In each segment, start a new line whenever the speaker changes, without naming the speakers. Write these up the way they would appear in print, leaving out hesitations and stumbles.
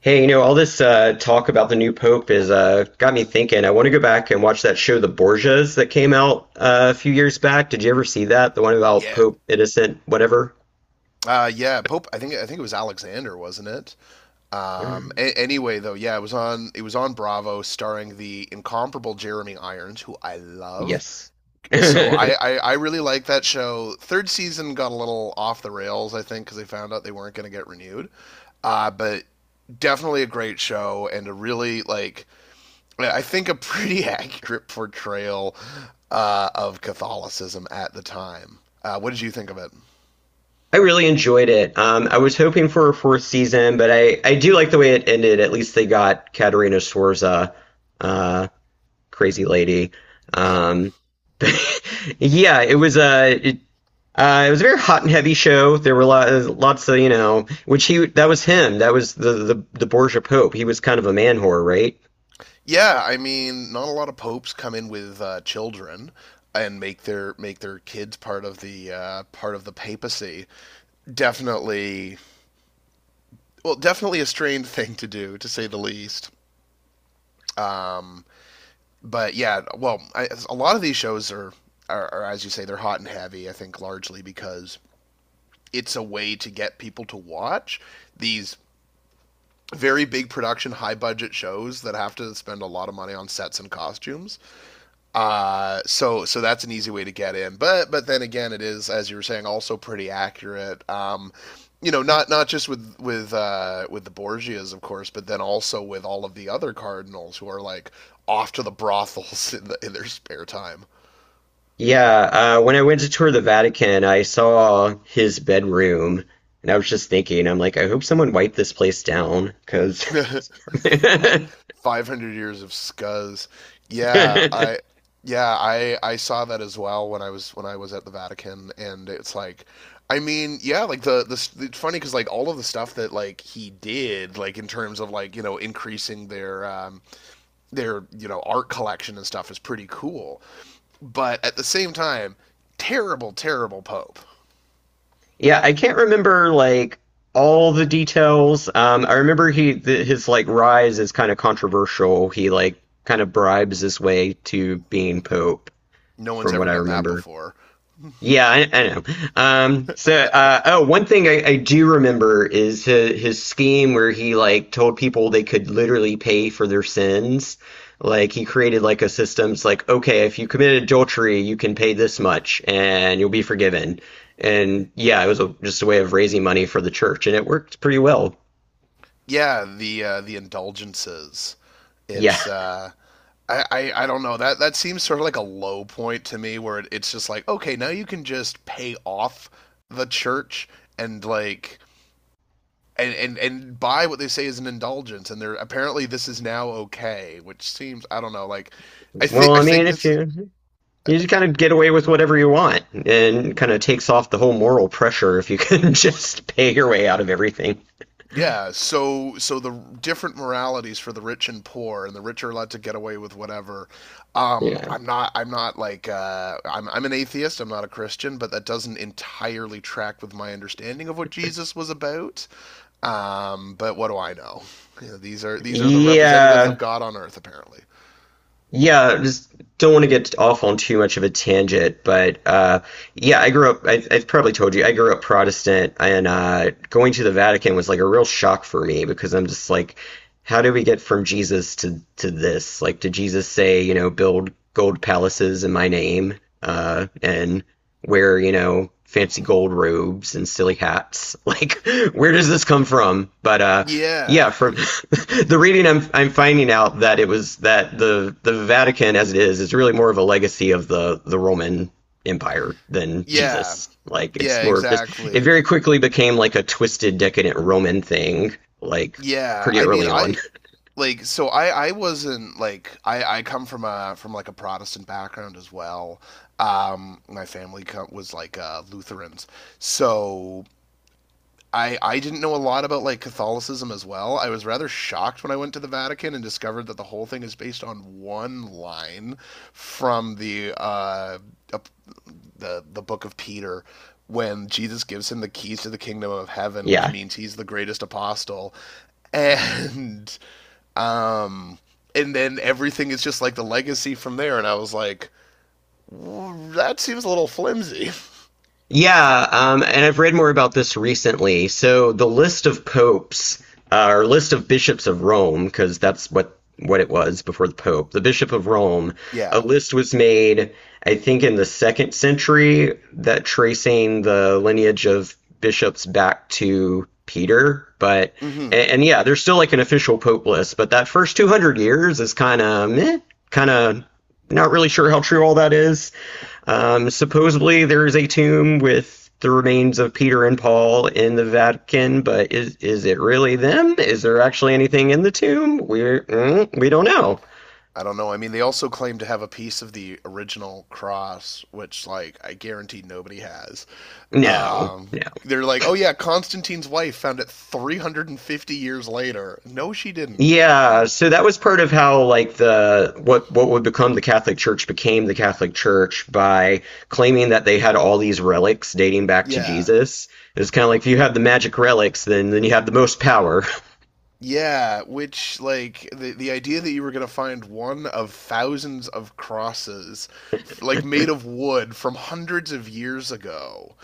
Hey, you know, all this talk about the new pope is got me thinking. I want to go back and watch that show, The Borgias, that came out a few years back. Did you ever see that? The one about
Yeah.
Pope Innocent, whatever?
Yeah, Pope. I think it was Alexander, wasn't it? Anyway, yeah, it was on Bravo, starring the incomparable Jeremy Irons, who I love.
Yes.
So I
I
I, I really like that show. Third season got a little off the rails, I think, because they found out they weren't going to get renewed. But definitely a great show and a really like I think a pretty accurate portrayal of Catholicism at the time. What did you think of it?
really enjoyed it. I was hoping for a fourth season, but I do like the way it ended. At least they got Caterina Sforza, uh, crazy lady.
Yep.
Um, yeah, it was it was a very hot and heavy show. There were lots of, you know, which he that was him. That was the Borgia Pope. He was kind of a man whore, right?
Yeah, I mean, not a lot of popes come in with children and make their kids part of the papacy. Definitely, well, definitely a strange thing to do, to say the least. Um, but yeah, well, a lot of these shows are, as you say, they're hot and heavy. I think largely because it's a way to get people to watch these very big production, high budget shows that have to spend a lot of money on sets and costumes. So that's an easy way to get in. But then again, it is, as you were saying, also pretty accurate. Not just with the Borgias, of course, but then also with all of the other cardinals who are like off to the brothels in their spare time.
Yeah. When I went to tour the Vatican, I saw his bedroom, and I was just thinking, I'm like, I hope someone wiped this place down, because yeah,
500 years of scuzz. Yeah, I yeah, I saw that as well when I was at the Vatican, and it's like, I mean, yeah, like it's funny because like all of the stuff that like he did, like in terms of like you know increasing their art collection and stuff is pretty cool, but at the same time, terrible, terrible pope.
I can't remember like all the details. I remember he th his like rise is kind of controversial. He like kind of bribes his way to being pope.
No one's
From
ever
what I
done that
remember.
before.
Yeah, I know. One thing I do remember is his scheme where he like told people they could literally pay for their sins. Like he created like a system. It's like, okay, if you committed adultery, you can pay this much and you'll be forgiven. And yeah, it was just a way of raising money for the church, and it worked pretty well.
Yeah, the indulgences.
Yeah.
It's I don't know, that that seems sort of like a low point to me where it's just like okay, now you can just pay off the church and like and buy what they say is an indulgence and they're apparently this is now okay, which seems I don't know, like I
Well,
think I
I mean,
think
if
this is
you. You just kind of get away with whatever you want and kind of takes off the whole moral pressure if you can just pay your way out of everything.
Yeah, so so the different moralities for the rich and poor, and the rich are allowed to get away with whatever.
Yeah.
I'm not like I'm an atheist. I'm not a Christian, but that doesn't entirely track with my understanding of what Jesus was about. But what do I know? You know, these are the representatives of
Yeah.
God on earth, apparently.
Yeah, just don't want to get off on too much of a tangent, but yeah, I grew up. I've probably told you I grew up Protestant, and going to the Vatican was like a real shock for me because I'm just like, how do we get from Jesus to this? Like, did Jesus say, you know, build gold palaces in my name, and wear, you know, fancy gold robes and silly hats? Like, where does this come from? But yeah,
Yeah,
from the reading, I'm finding out that it was that the Vatican as it is really more of a legacy of the Roman Empire than
yeah,
Jesus. Like it's
yeah,
more of this. It
exactly.
very quickly became like a twisted, decadent Roman thing. Like
Yeah,
pretty
I mean,
early on.
I like so I wasn't like I come from a from like a Protestant background as well. My family was like Lutherans, so I didn't know a lot about like Catholicism as well. I was rather shocked when I went to the Vatican and discovered that the whole thing is based on one line from the book of Peter when Jesus gives him the keys to the kingdom of heaven, which
Yeah.
means he's the greatest apostle. And um, and then everything is just like the legacy from there. And I was like, "Mm, that seems a little flimsy."
Yeah, and I've read more about this recently. So the list of popes, or list of bishops of Rome, because that's what it was before the pope, the bishop of Rome, a
Yeah.
list was made, I think, in the second century, that tracing the lineage of bishops back to Peter. But
Hmm.
and yeah, there's still like an official pope list, but that first 200 years is kind of meh, kind of not really sure how true all that is. Supposedly, there is a tomb with the remains of Peter and Paul in the Vatican, but is it really them? Is there actually anything in the tomb? We don't know.
I don't know. I mean, they also claim to have a piece of the original cross, which, like, I guarantee nobody has.
No,
Um,
no.
they're like, oh yeah, Constantine's wife found it 350 years later. No, she didn't.
Yeah, so that was part of how like the what would become the Catholic Church became the Catholic Church by claiming that they had all these relics dating back to
Yeah.
Jesus. It's kind of like if you have the magic relics, then you have the most power.
Yeah, which like the idea that you were gonna find one of thousands of crosses, like made of wood from hundreds of years ago,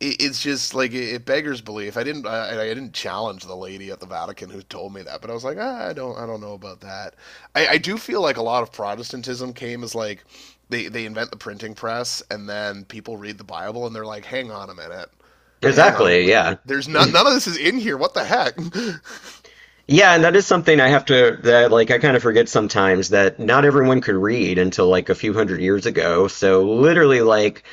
it's just like it beggars belief. I didn't challenge the lady at the Vatican who told me that, but I was like, ah, I don't know about that. I do feel like a lot of Protestantism came as like they invent the printing press and then people read the Bible and they're like, hang on a minute, hang on,
Exactly,
wh-
yeah.
there's not none of this is in here. What the heck?
Yeah, and that is something I have to that like I kind of forget sometimes that not everyone could read until like a few hundred years ago. So literally like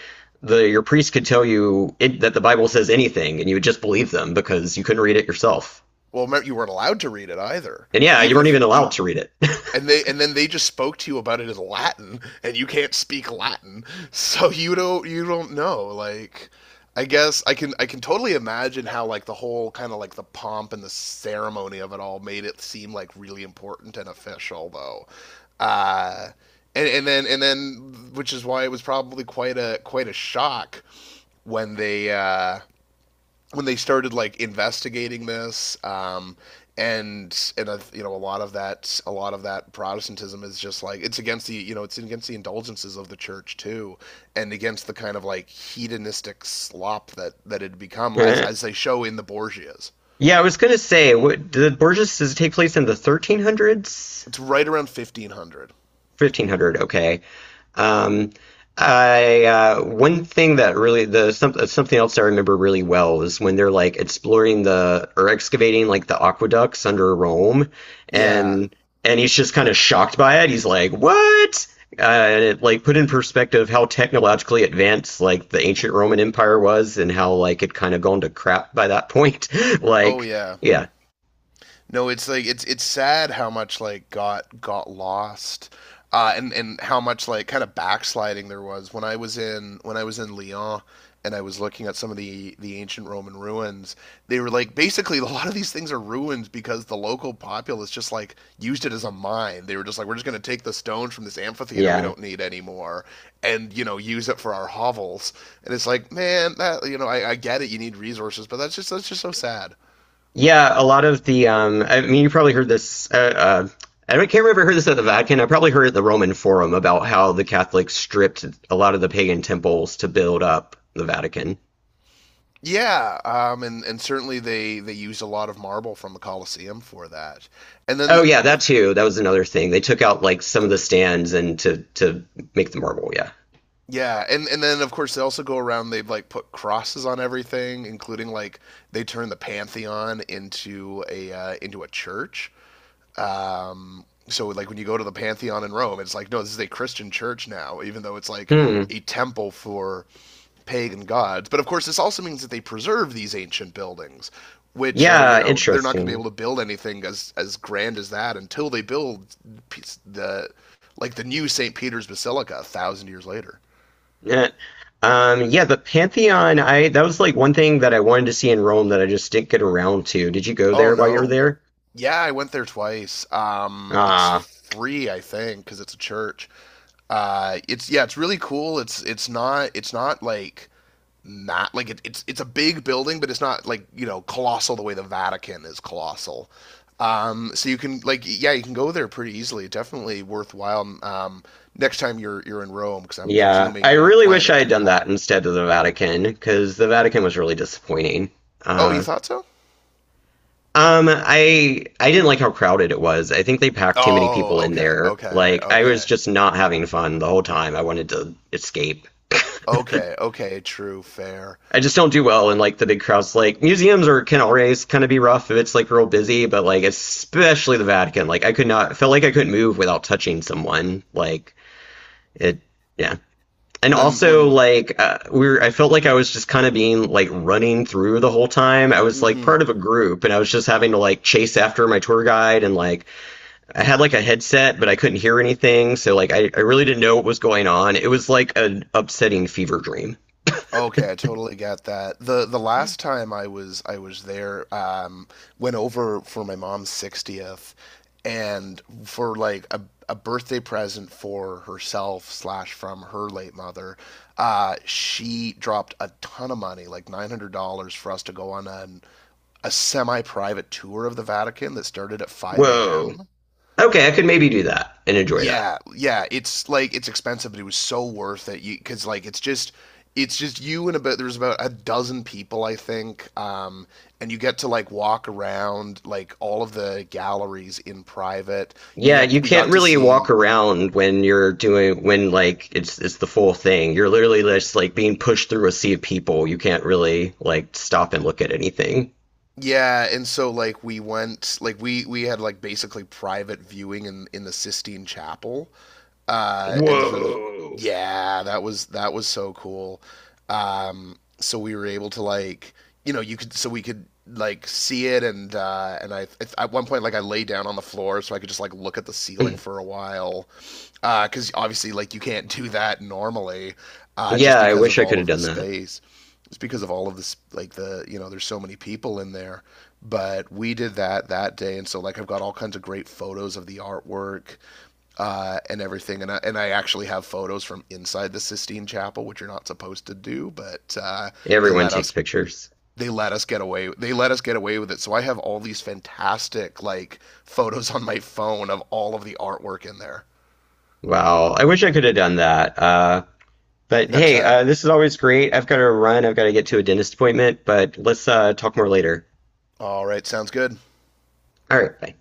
the your priest could tell you that the Bible says anything and you would just believe them because you couldn't read it yourself.
Well, you weren't allowed to read it either,
And yeah, you
even
weren't
if
even allowed
even,
to read it.
and they and then they just spoke to you about it as Latin, and you can't speak Latin, so you don't know. Like, I guess I can totally imagine how like the whole kind of like the pomp and the ceremony of it all made it seem like really important and official though. Uh, and then which is why it was probably quite a shock when they uh, when they started like investigating this and you know a lot of that a lot of that Protestantism is just like it's against the you know it's against the indulgences of the church too, and against the kind of like hedonistic slop that that had become as they show in the Borgias.
Yeah, I was gonna say, what, did Borges does it take place in the 1300s?
It's right around 1500.
1500, okay. um I one thing that really something else I remember really well is when they're like exploring the or excavating like the aqueducts under Rome
Yeah.
and and he's just kind of shocked by it. He's like, "What?" And it like put in perspective how technologically advanced like the ancient Roman Empire was and how like it kind of gone to crap by that point.
Oh
Like,
yeah.
yeah.
No, it's like it's sad how much like got lost, and how much like kind of backsliding there was when I was in Lyon and I was looking at some of the ancient Roman ruins. They were like basically a lot of these things are ruins because the local populace just like used it as a mine. They were just like we're just going to take the stones from this amphitheater we
Yeah.
don't need anymore and you know use it for our hovels. And it's like man, that you know I get it. You need resources, but that's just so sad.
Yeah, a lot of the. I mean, you probably heard this. I don't, can't remember if I heard this at the Vatican. I probably heard it at the Roman Forum about how the Catholics stripped a lot of the pagan temples to build up the Vatican.
Yeah, and certainly they used a lot of marble from the Colosseum for that, and then
Oh yeah, that
but
too. That was another thing. They took out like some of the stands and to make the marble. Yeah.
yeah, and then of course they also go around. They've like put crosses on everything, including like they turn the Pantheon into a church. So like when you go to the Pantheon in Rome, it's like no, this is a Christian church now, even though it's like
Hmm.
a temple for pagan gods. But of course, this also means that they preserve these ancient buildings, which are you
Yeah.
know they're not going to be
Interesting.
able to build anything as grand as that until they build the like the new St. Peter's Basilica a thousand years later.
Eh. Yeah. The Pantheon. I that was like one thing that I wanted to see in Rome that I just didn't get around to. Did you go
Oh
there while you were
no,
there?
yeah, I went there twice. It's
Ah.
free, I think, because it's a church. Uh, it's yeah, it's really cool. It's not like not like it's a big building, but it's not like you know colossal the way the Vatican is colossal. So you can like yeah, you can go there pretty easily. Definitely worthwhile. Next time you're in Rome, because I'm
Yeah,
presuming
I
you're
really wish
planning
I
to
had
go
done that
back.
instead of the Vatican because the Vatican was really disappointing.
Oh, you
Uh,
thought so?
I didn't like how crowded it was. I think they packed too many
Oh,
people in
okay,
there.
okay,
Like I was
okay,
just not having fun the whole time. I wanted to escape.
okay, okay. True, fair.
I just don't do well in like the big crowds. Like museums or can always kind of be rough if it's like real busy, but like especially the Vatican. Like I could not felt like I couldn't move without touching someone. Like it, yeah. And
When
also
when.
like I felt like I was just kind of being like running through the whole time. I was like
Mhm.
part of a group, and I was just having to like chase after my tour guide, and like I had like a headset, but I couldn't hear anything, so like I really didn't know what was going on. It was like an upsetting fever dream.
Okay, I totally get that. The last time I was there, went over for my mom's 60th and for like a birthday present for herself slash from her late mother, she dropped a ton of money, like $900 for us to go on a semi-private tour of the Vatican that started at 5
Whoa.
a.m.
Okay, I could maybe do that and enjoy that.
Yeah, yeah, it's like it's expensive, but it was so worth it. You because like it's just you and about there's about a dozen people I think, and you get to like walk around like all of the galleries in private. You
Yeah,
get
you
we
can't
got to
really walk
see
around when you're doing when like it's the full thing. You're literally just like being pushed through a sea of people. You can't really like stop and look at anything.
yeah, and so like we went like we had like basically private viewing in the Sistine Chapel. And so,
Whoa.
yeah, that was so cool. So we were able to like, you know, you could so we could like see it and I at one point like I lay down on the floor so I could just like look at the ceiling for a while because cuz obviously like you can't do that normally
Yeah,
just
I
because
wish
of
I could
all
have
of the
done that.
space it's because of all of this like the you know there's so many people in there but we did that that day and so like I've got all kinds of great photos of the artwork and everything. And I actually have photos from inside the Sistine Chapel, which you're not supposed to do, but they
Everyone
let us
takes pictures.
they let us get away with it. So I have all these fantastic like photos on my phone of all of the artwork in there.
Wow, I wish I could have done that. But
Next
hey,
time.
this is always great. I've got to run. I've got to get to a dentist appointment, but let's talk more later.
All right, sounds good.
All right, bye.